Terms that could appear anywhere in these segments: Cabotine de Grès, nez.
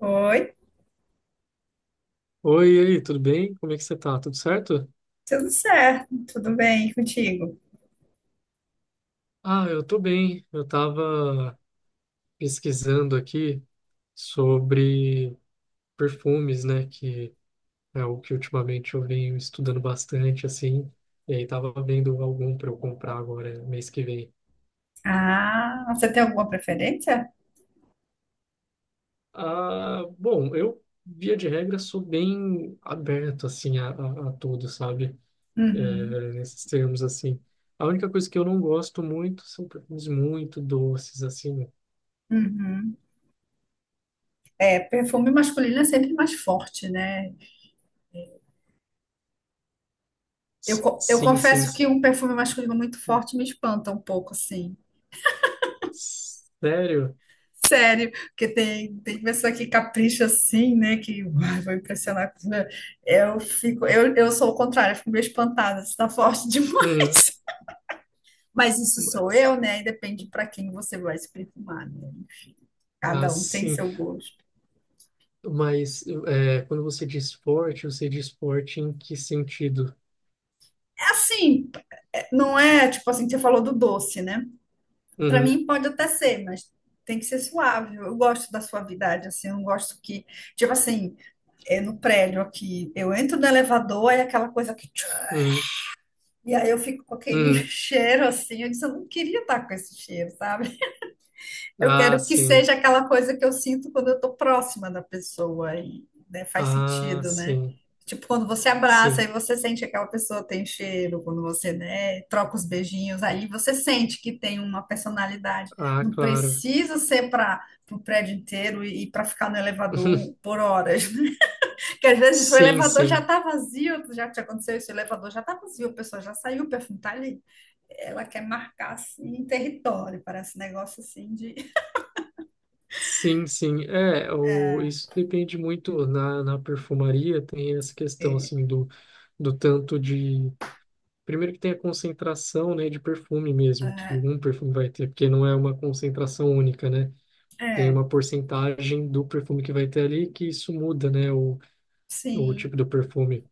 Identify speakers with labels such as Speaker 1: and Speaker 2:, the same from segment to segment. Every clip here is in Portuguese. Speaker 1: Oi,
Speaker 2: Oi, e aí, tudo bem? Como é que você tá? Tudo certo?
Speaker 1: tudo certo? Tudo bem contigo?
Speaker 2: Ah, eu tô bem. Eu tava pesquisando aqui sobre perfumes, né? Que é o que ultimamente eu venho estudando bastante, assim. E aí tava vendo algum para eu comprar agora, mês que vem.
Speaker 1: Ah, você tem alguma preferência?
Speaker 2: Ah, bom, eu, via de regra, sou bem aberto, assim, a tudo, sabe?
Speaker 1: Uhum,
Speaker 2: É, nesses termos, assim. A única coisa que eu não gosto muito são perfumes muito doces, assim.
Speaker 1: uhum. É, perfume masculino é sempre mais forte, né? Eu
Speaker 2: Sim, sim,
Speaker 1: confesso
Speaker 2: sim.
Speaker 1: que um perfume masculino muito forte me espanta um pouco, assim.
Speaker 2: Sério?
Speaker 1: Sério, porque tem pessoa que capricha assim, né? Que uai, vou impressionar. Eu fico, eu sou o contrário, eu fico meio espantada, se tá forte demais.
Speaker 2: Uhum.
Speaker 1: Mas isso sou
Speaker 2: Mas,
Speaker 1: eu, né? E depende para quem você vai se perfumar, né?
Speaker 2: ah,
Speaker 1: Cada um tem
Speaker 2: sim.
Speaker 1: seu gosto.
Speaker 2: Mas é, quando você diz esporte em que sentido?
Speaker 1: É assim, é, não é tipo assim, você falou do doce, né? Para
Speaker 2: Uhum,
Speaker 1: mim pode até ser, mas tem que ser suave. Eu gosto da suavidade, assim, eu não gosto que, tipo assim, é no prédio aqui, eu entro no elevador, é aquela coisa que. Tchum,
Speaker 2: uhum,
Speaker 1: e aí eu fico com aquele
Speaker 2: uhum.
Speaker 1: cheiro assim, eu disse, eu não queria estar com esse cheiro, sabe? Eu
Speaker 2: Ah,
Speaker 1: quero que
Speaker 2: sim.
Speaker 1: seja aquela coisa que eu sinto quando eu tô próxima da pessoa e, né, faz
Speaker 2: Ah,
Speaker 1: sentido, né?
Speaker 2: sim.
Speaker 1: Tipo, quando você abraça e
Speaker 2: Sim.
Speaker 1: você sente que aquela pessoa tem cheiro, quando você, né, troca os beijinhos, aí você sente que tem uma personalidade.
Speaker 2: Ah,
Speaker 1: Não
Speaker 2: claro.
Speaker 1: precisa ser para o prédio inteiro e, para ficar no elevador por horas. Que às vezes o
Speaker 2: Sim,
Speaker 1: elevador já
Speaker 2: sim.
Speaker 1: tá vazio, já te aconteceu isso, o elevador já tá vazio, a pessoa já saiu, o perfume tá ali. Ela quer marcar, assim, um território, parece um negócio assim de...
Speaker 2: Sim, sim. É, o, isso depende muito na perfumaria, tem essa questão assim do, do tanto de Primeiro que tem a concentração, né, de perfume mesmo, que um perfume vai ter, porque não é uma concentração única, né? Tem
Speaker 1: É,
Speaker 2: uma porcentagem do perfume que vai ter ali, que isso muda, né, o tipo
Speaker 1: sim.
Speaker 2: do perfume.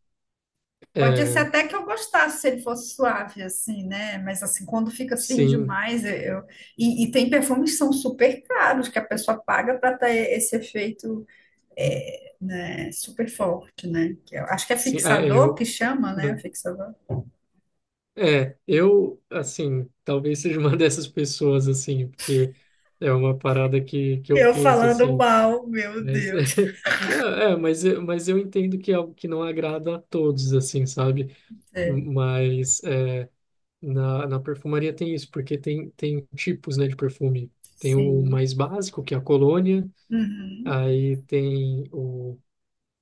Speaker 1: Pode ser
Speaker 2: É,
Speaker 1: até que eu gostasse se ele fosse suave, assim, né? Mas assim, quando fica assim
Speaker 2: sim,
Speaker 1: demais, eu... eu- E, e tem perfumes que são super caros, que a pessoa paga para ter esse efeito, é, né, super forte, né? Que eu acho que é
Speaker 2: sim, é, é,
Speaker 1: fixador
Speaker 2: eu,
Speaker 1: que chama, né? Fixador.
Speaker 2: é, eu, assim, talvez seja uma dessas pessoas, assim, porque é uma parada que eu
Speaker 1: Eu
Speaker 2: curto,
Speaker 1: falando
Speaker 2: assim,
Speaker 1: mal, meu
Speaker 2: mas,
Speaker 1: Deus.
Speaker 2: é, mas, mas eu entendo que é algo que não agrada a todos, assim, sabe?
Speaker 1: É,
Speaker 2: Mas, é, Na perfumaria tem isso, porque tem, tem tipos, né, de perfume. Tem o
Speaker 1: sim.
Speaker 2: mais básico, que é a colônia,
Speaker 1: Uhum.
Speaker 2: aí tem o...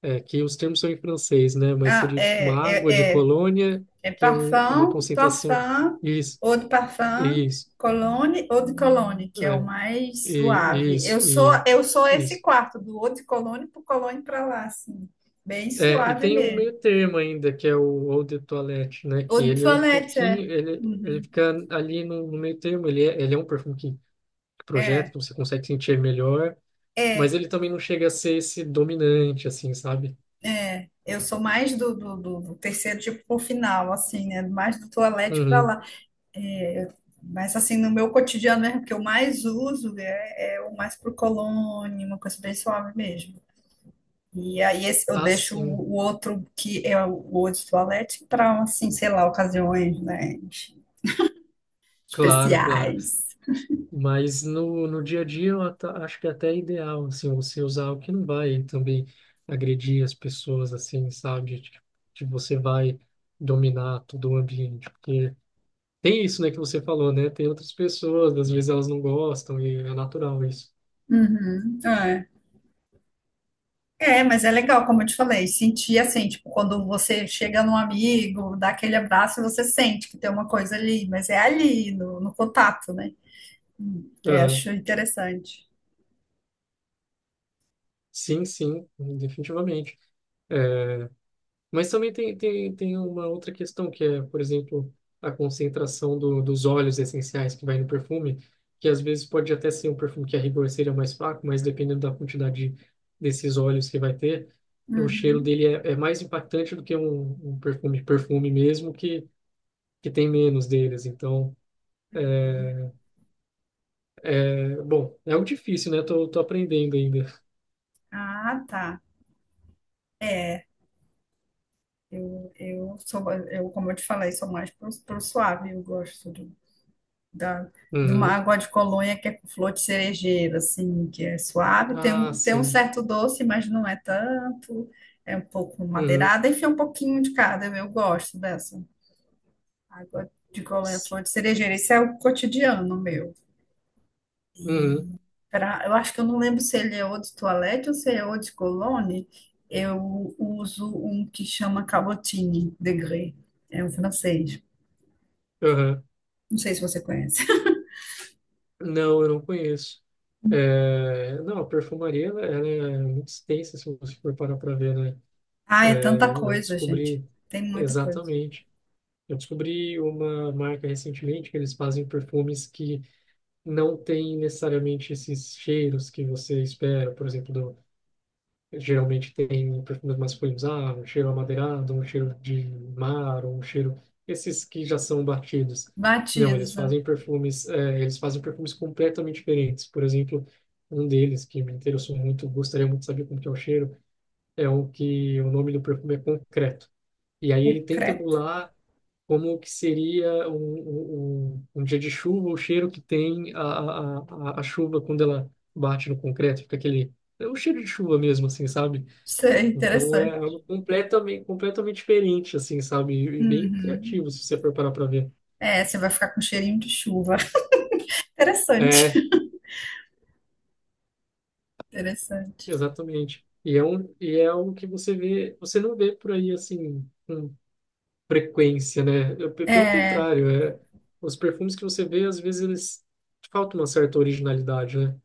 Speaker 2: É, que os termos são em francês, né, mas
Speaker 1: Ah,
Speaker 2: seria tipo uma
Speaker 1: é,
Speaker 2: água de
Speaker 1: é, é.
Speaker 2: colônia,
Speaker 1: É
Speaker 2: que é uma
Speaker 1: parfum,
Speaker 2: concentração.
Speaker 1: parfum,
Speaker 2: Isso,
Speaker 1: eau de parfum,
Speaker 2: isso,
Speaker 1: cologne, eau de cologne, que é o
Speaker 2: é,
Speaker 1: mais
Speaker 2: e,
Speaker 1: suave. Eu
Speaker 2: isso,
Speaker 1: sou
Speaker 2: e,
Speaker 1: eu sou esse
Speaker 2: isso.
Speaker 1: quarto, do eau de cologne pro cologne para lá, assim. Bem
Speaker 2: É, e
Speaker 1: suave
Speaker 2: tem um
Speaker 1: mesmo.
Speaker 2: meio termo ainda, que é o eau de toilette, né,
Speaker 1: Eau
Speaker 2: que
Speaker 1: de
Speaker 2: ele é um
Speaker 1: toilette, é.
Speaker 2: pouquinho, ele
Speaker 1: Uhum.
Speaker 2: fica ali no, no meio termo, ele é um perfume que projeta, que
Speaker 1: É,
Speaker 2: você consegue sentir melhor. Mas
Speaker 1: é,
Speaker 2: ele também não chega a ser esse dominante, assim, sabe?
Speaker 1: é. Eu sou mais do terceiro tipo pro final, assim, né? Mais do toilette para
Speaker 2: Uhum.
Speaker 1: lá. É, mas assim, no meu cotidiano mesmo, que eu mais uso é, é o mais pro cologne, uma coisa bem suave mesmo. E aí esse, eu
Speaker 2: Ah,
Speaker 1: deixo
Speaker 2: sim.
Speaker 1: o outro, que é o Eau de Toilette, para, assim, sei lá, ocasiões, né,
Speaker 2: Claro, claro.
Speaker 1: especiais.
Speaker 2: Mas no, no dia a dia eu acho que é até ideal, assim, você usar o que não vai também agredir as pessoas, assim, sabe? De você vai dominar todo o ambiente. Porque tem isso, né, que você falou, né? Tem outras pessoas, às vezes elas não gostam e é natural isso.
Speaker 1: Uhum, é. É, mas é legal, como eu te falei, sentir assim, tipo, quando você chega num amigo, dá aquele abraço, você sente que tem uma coisa ali, mas é ali, no, no contato, né? É,
Speaker 2: Uhum.
Speaker 1: acho interessante.
Speaker 2: Sim, sim, definitivamente. É, mas também tem, tem, tem uma outra questão, que é, por exemplo, a concentração do, dos óleos essenciais que vai no perfume, que às vezes pode até ser um perfume que a rigor seria mais fraco, mas dependendo da quantidade desses óleos que vai ter, o cheiro
Speaker 1: Uhum,
Speaker 2: dele é, é mais impactante do que um perfume mesmo, que tem menos deles. Então,
Speaker 1: uhum.
Speaker 2: é, bom, é algo difícil, né? Tô, tô aprendendo ainda.
Speaker 1: Ah, tá. É, eu sou, eu, como eu te falei, sou mais pro, pro suave, eu gosto do da, de uma
Speaker 2: Uhum.
Speaker 1: água de colônia que é com flor de cerejeira, assim, que é suave,
Speaker 2: Ah,
Speaker 1: tem um
Speaker 2: sim.
Speaker 1: certo doce, mas não é tanto, é um pouco
Speaker 2: Uhum.
Speaker 1: madeirada, enfim, um pouquinho de cada, eu gosto dessa água de colônia, flor de cerejeira, isso é o cotidiano meu.
Speaker 2: Uhum.
Speaker 1: Pra, eu acho que eu não lembro se ele é ou de toalete ou se é ou de colônia, eu uso um que chama Cabotine de Grès, é um francês,
Speaker 2: Uhum.
Speaker 1: não sei se você conhece.
Speaker 2: Não, eu não conheço. É, não, a perfumaria ela, ela é muito extensa, se você for parar para ver, né?
Speaker 1: Ah, é tanta
Speaker 2: É, eu
Speaker 1: coisa, gente,
Speaker 2: descobri
Speaker 1: tem muita coisa.
Speaker 2: exatamente. Eu descobri uma marca recentemente que eles fazem perfumes que não têm necessariamente esses cheiros que você espera, por exemplo, geralmente tem perfumes masculinos, ah, um cheiro amadeirado, um cheiro de mar, um cheiro... Esses que já são batidos. Não, eles
Speaker 1: Batiza.
Speaker 2: fazem perfumes, eles fazem perfumes completamente diferentes. Por exemplo, um deles que me interessou muito, gostaria muito de saber como que é o cheiro, é o que o nome do perfume é Concreto. E aí ele tenta
Speaker 1: Creto.
Speaker 2: emular como que seria um um dia de chuva, o cheiro que tem a chuva quando ela bate no concreto, fica aquele... É um cheiro de chuva mesmo, assim, sabe?
Speaker 1: Sei,
Speaker 2: Então é
Speaker 1: interessante.
Speaker 2: algo completamente diferente, assim, sabe? E bem
Speaker 1: Uhum.
Speaker 2: criativo, se você for parar para ver.
Speaker 1: É, você vai ficar com cheirinho de chuva. Interessante.
Speaker 2: É,
Speaker 1: Interessante.
Speaker 2: exatamente. E é um, e é algo que você vê, você não vê por aí, assim, com frequência, né? Eu, pelo
Speaker 1: É,
Speaker 2: contrário, é, os perfumes que você vê, às vezes, eles faltam uma certa originalidade, né?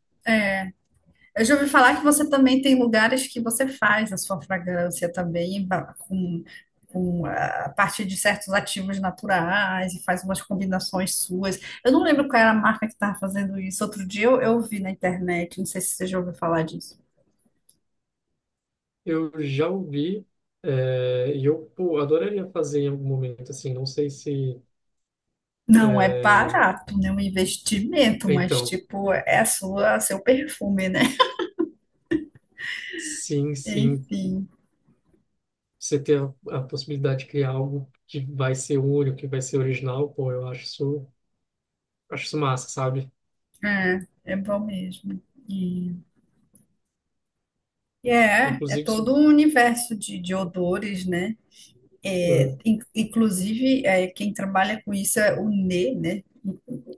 Speaker 1: eu já ouvi falar que você também tem lugares que você faz a sua fragrância também, com a partir de certos ativos naturais e faz umas combinações suas. Eu não lembro qual era a marca que estava fazendo isso. Outro dia eu vi na internet, não sei se você já ouviu falar disso.
Speaker 2: Eu já ouvi, é, e eu, pô, adoraria fazer em algum momento, assim, não sei se...
Speaker 1: Não é
Speaker 2: é,
Speaker 1: barato, né? Um investimento, mas
Speaker 2: então,
Speaker 1: tipo, é a sua, seu perfume, né?
Speaker 2: sim, sim.
Speaker 1: Enfim,
Speaker 2: Você ter a possibilidade de criar algo que vai ser único, que vai ser original, pô, acho isso massa, sabe?
Speaker 1: é, é bom mesmo. E, e é, é
Speaker 2: Inclusive, se...
Speaker 1: todo um universo de odores, né? É,
Speaker 2: Hum,
Speaker 1: inclusive, é, quem trabalha com isso é o nez, né?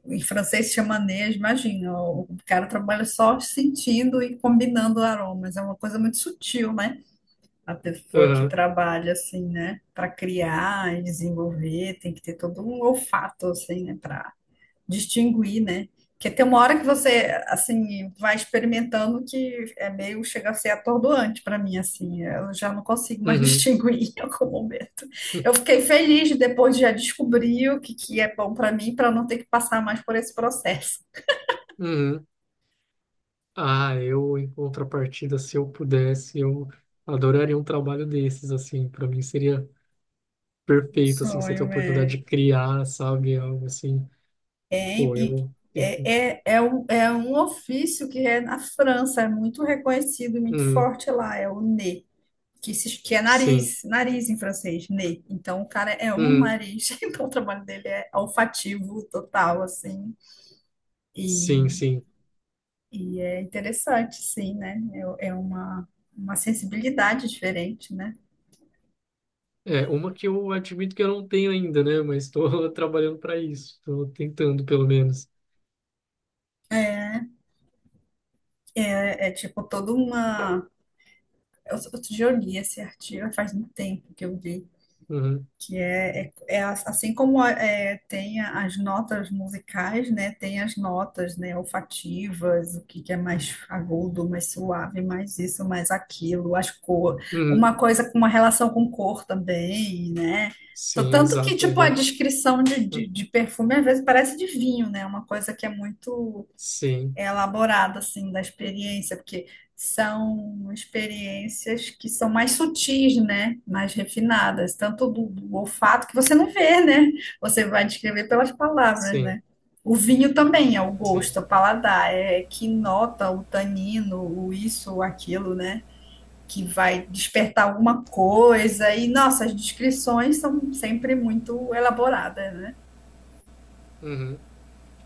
Speaker 1: Em francês se chama nez, imagina, o cara trabalha só sentindo e combinando aromas, é uma coisa muito sutil, né? A pessoa que
Speaker 2: aham,
Speaker 1: trabalha assim, né, para criar e desenvolver, tem que ter todo um olfato assim, né, para distinguir, né? Porque tem uma hora que você, assim, vai experimentando que é meio, chega a ser atordoante para mim, assim. Eu já não consigo mais
Speaker 2: uhum,
Speaker 1: distinguir em algum momento. Eu fiquei feliz depois de já descobrir o que, que é bom para mim, para não ter que passar mais por esse processo.
Speaker 2: uhum. Ah, eu, em contrapartida, se eu pudesse, eu adoraria um trabalho desses, assim, para mim seria perfeito, assim, você ter a
Speaker 1: Sonho,
Speaker 2: oportunidade
Speaker 1: é.
Speaker 2: de criar, sabe, algo assim,
Speaker 1: É,
Speaker 2: pô,
Speaker 1: e-
Speaker 2: eu.
Speaker 1: é, é, é um ofício que é na França, é muito reconhecido, muito
Speaker 2: Uhum,
Speaker 1: forte lá, é o NE. Que, que é
Speaker 2: sim,
Speaker 1: nariz, nariz em francês, nez. Então, o cara é um
Speaker 2: uhum,
Speaker 1: nariz, então o trabalho dele é olfativo total, assim. E,
Speaker 2: sim, sim.
Speaker 1: e é interessante, sim, né? É, é uma sensibilidade diferente, né?
Speaker 2: É, uma que eu admito que eu não tenho ainda, né? Mas estou trabalhando para isso. Estou tentando, pelo menos.
Speaker 1: É é tipo toda uma. Outro dia eu li esse artigo, faz muito tempo que eu li
Speaker 2: Uhum.
Speaker 1: que é, é, é assim como é, tem as notas musicais, né? Tem as notas, né, olfativas, o que, que é mais agudo, mais suave, mais isso, mais aquilo, as cor,
Speaker 2: Uhum.
Speaker 1: uma coisa com uma relação com cor também, né?
Speaker 2: Sim,
Speaker 1: Tanto que,
Speaker 2: exato. É
Speaker 1: tipo, a
Speaker 2: igual você.
Speaker 1: descrição
Speaker 2: Uhum.
Speaker 1: de perfume às vezes parece de vinho, né? Uma coisa que é muito
Speaker 2: Sim,
Speaker 1: elaborada assim da experiência, porque são experiências que são mais sutis, né? Mais refinadas, tanto do, do olfato que você não vê, né? Você vai descrever pelas palavras,
Speaker 2: sim,
Speaker 1: né? O vinho também é o
Speaker 2: sim.
Speaker 1: gosto, o paladar, é que nota o tanino, o isso, o aquilo, né? Que vai despertar alguma coisa. E, nossa, as descrições são sempre muito elaboradas, né?
Speaker 2: Uhum.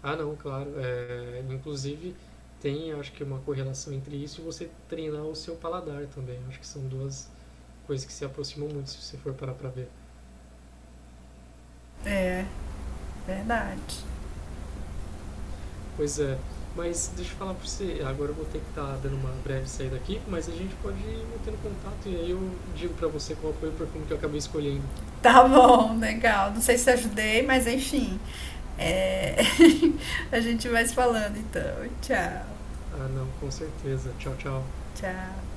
Speaker 2: Ah, não, claro. É, inclusive, tem, acho que, uma correlação entre isso e você treinar o seu paladar também. Acho que são duas coisas que se aproximam muito, se você for parar para ver.
Speaker 1: Verdade.
Speaker 2: Pois é. Mas deixa eu falar pra você, agora eu vou ter que estar dando uma breve saída aqui, mas a gente pode ir mantendo contato e aí eu digo para você qual foi o perfume que eu acabei escolhendo.
Speaker 1: Tá bom, legal. Não sei se ajudei, mas enfim. É, a gente vai se falando então. Tchau,
Speaker 2: Ah, não, com certeza. Tchau, tchau.
Speaker 1: tchau.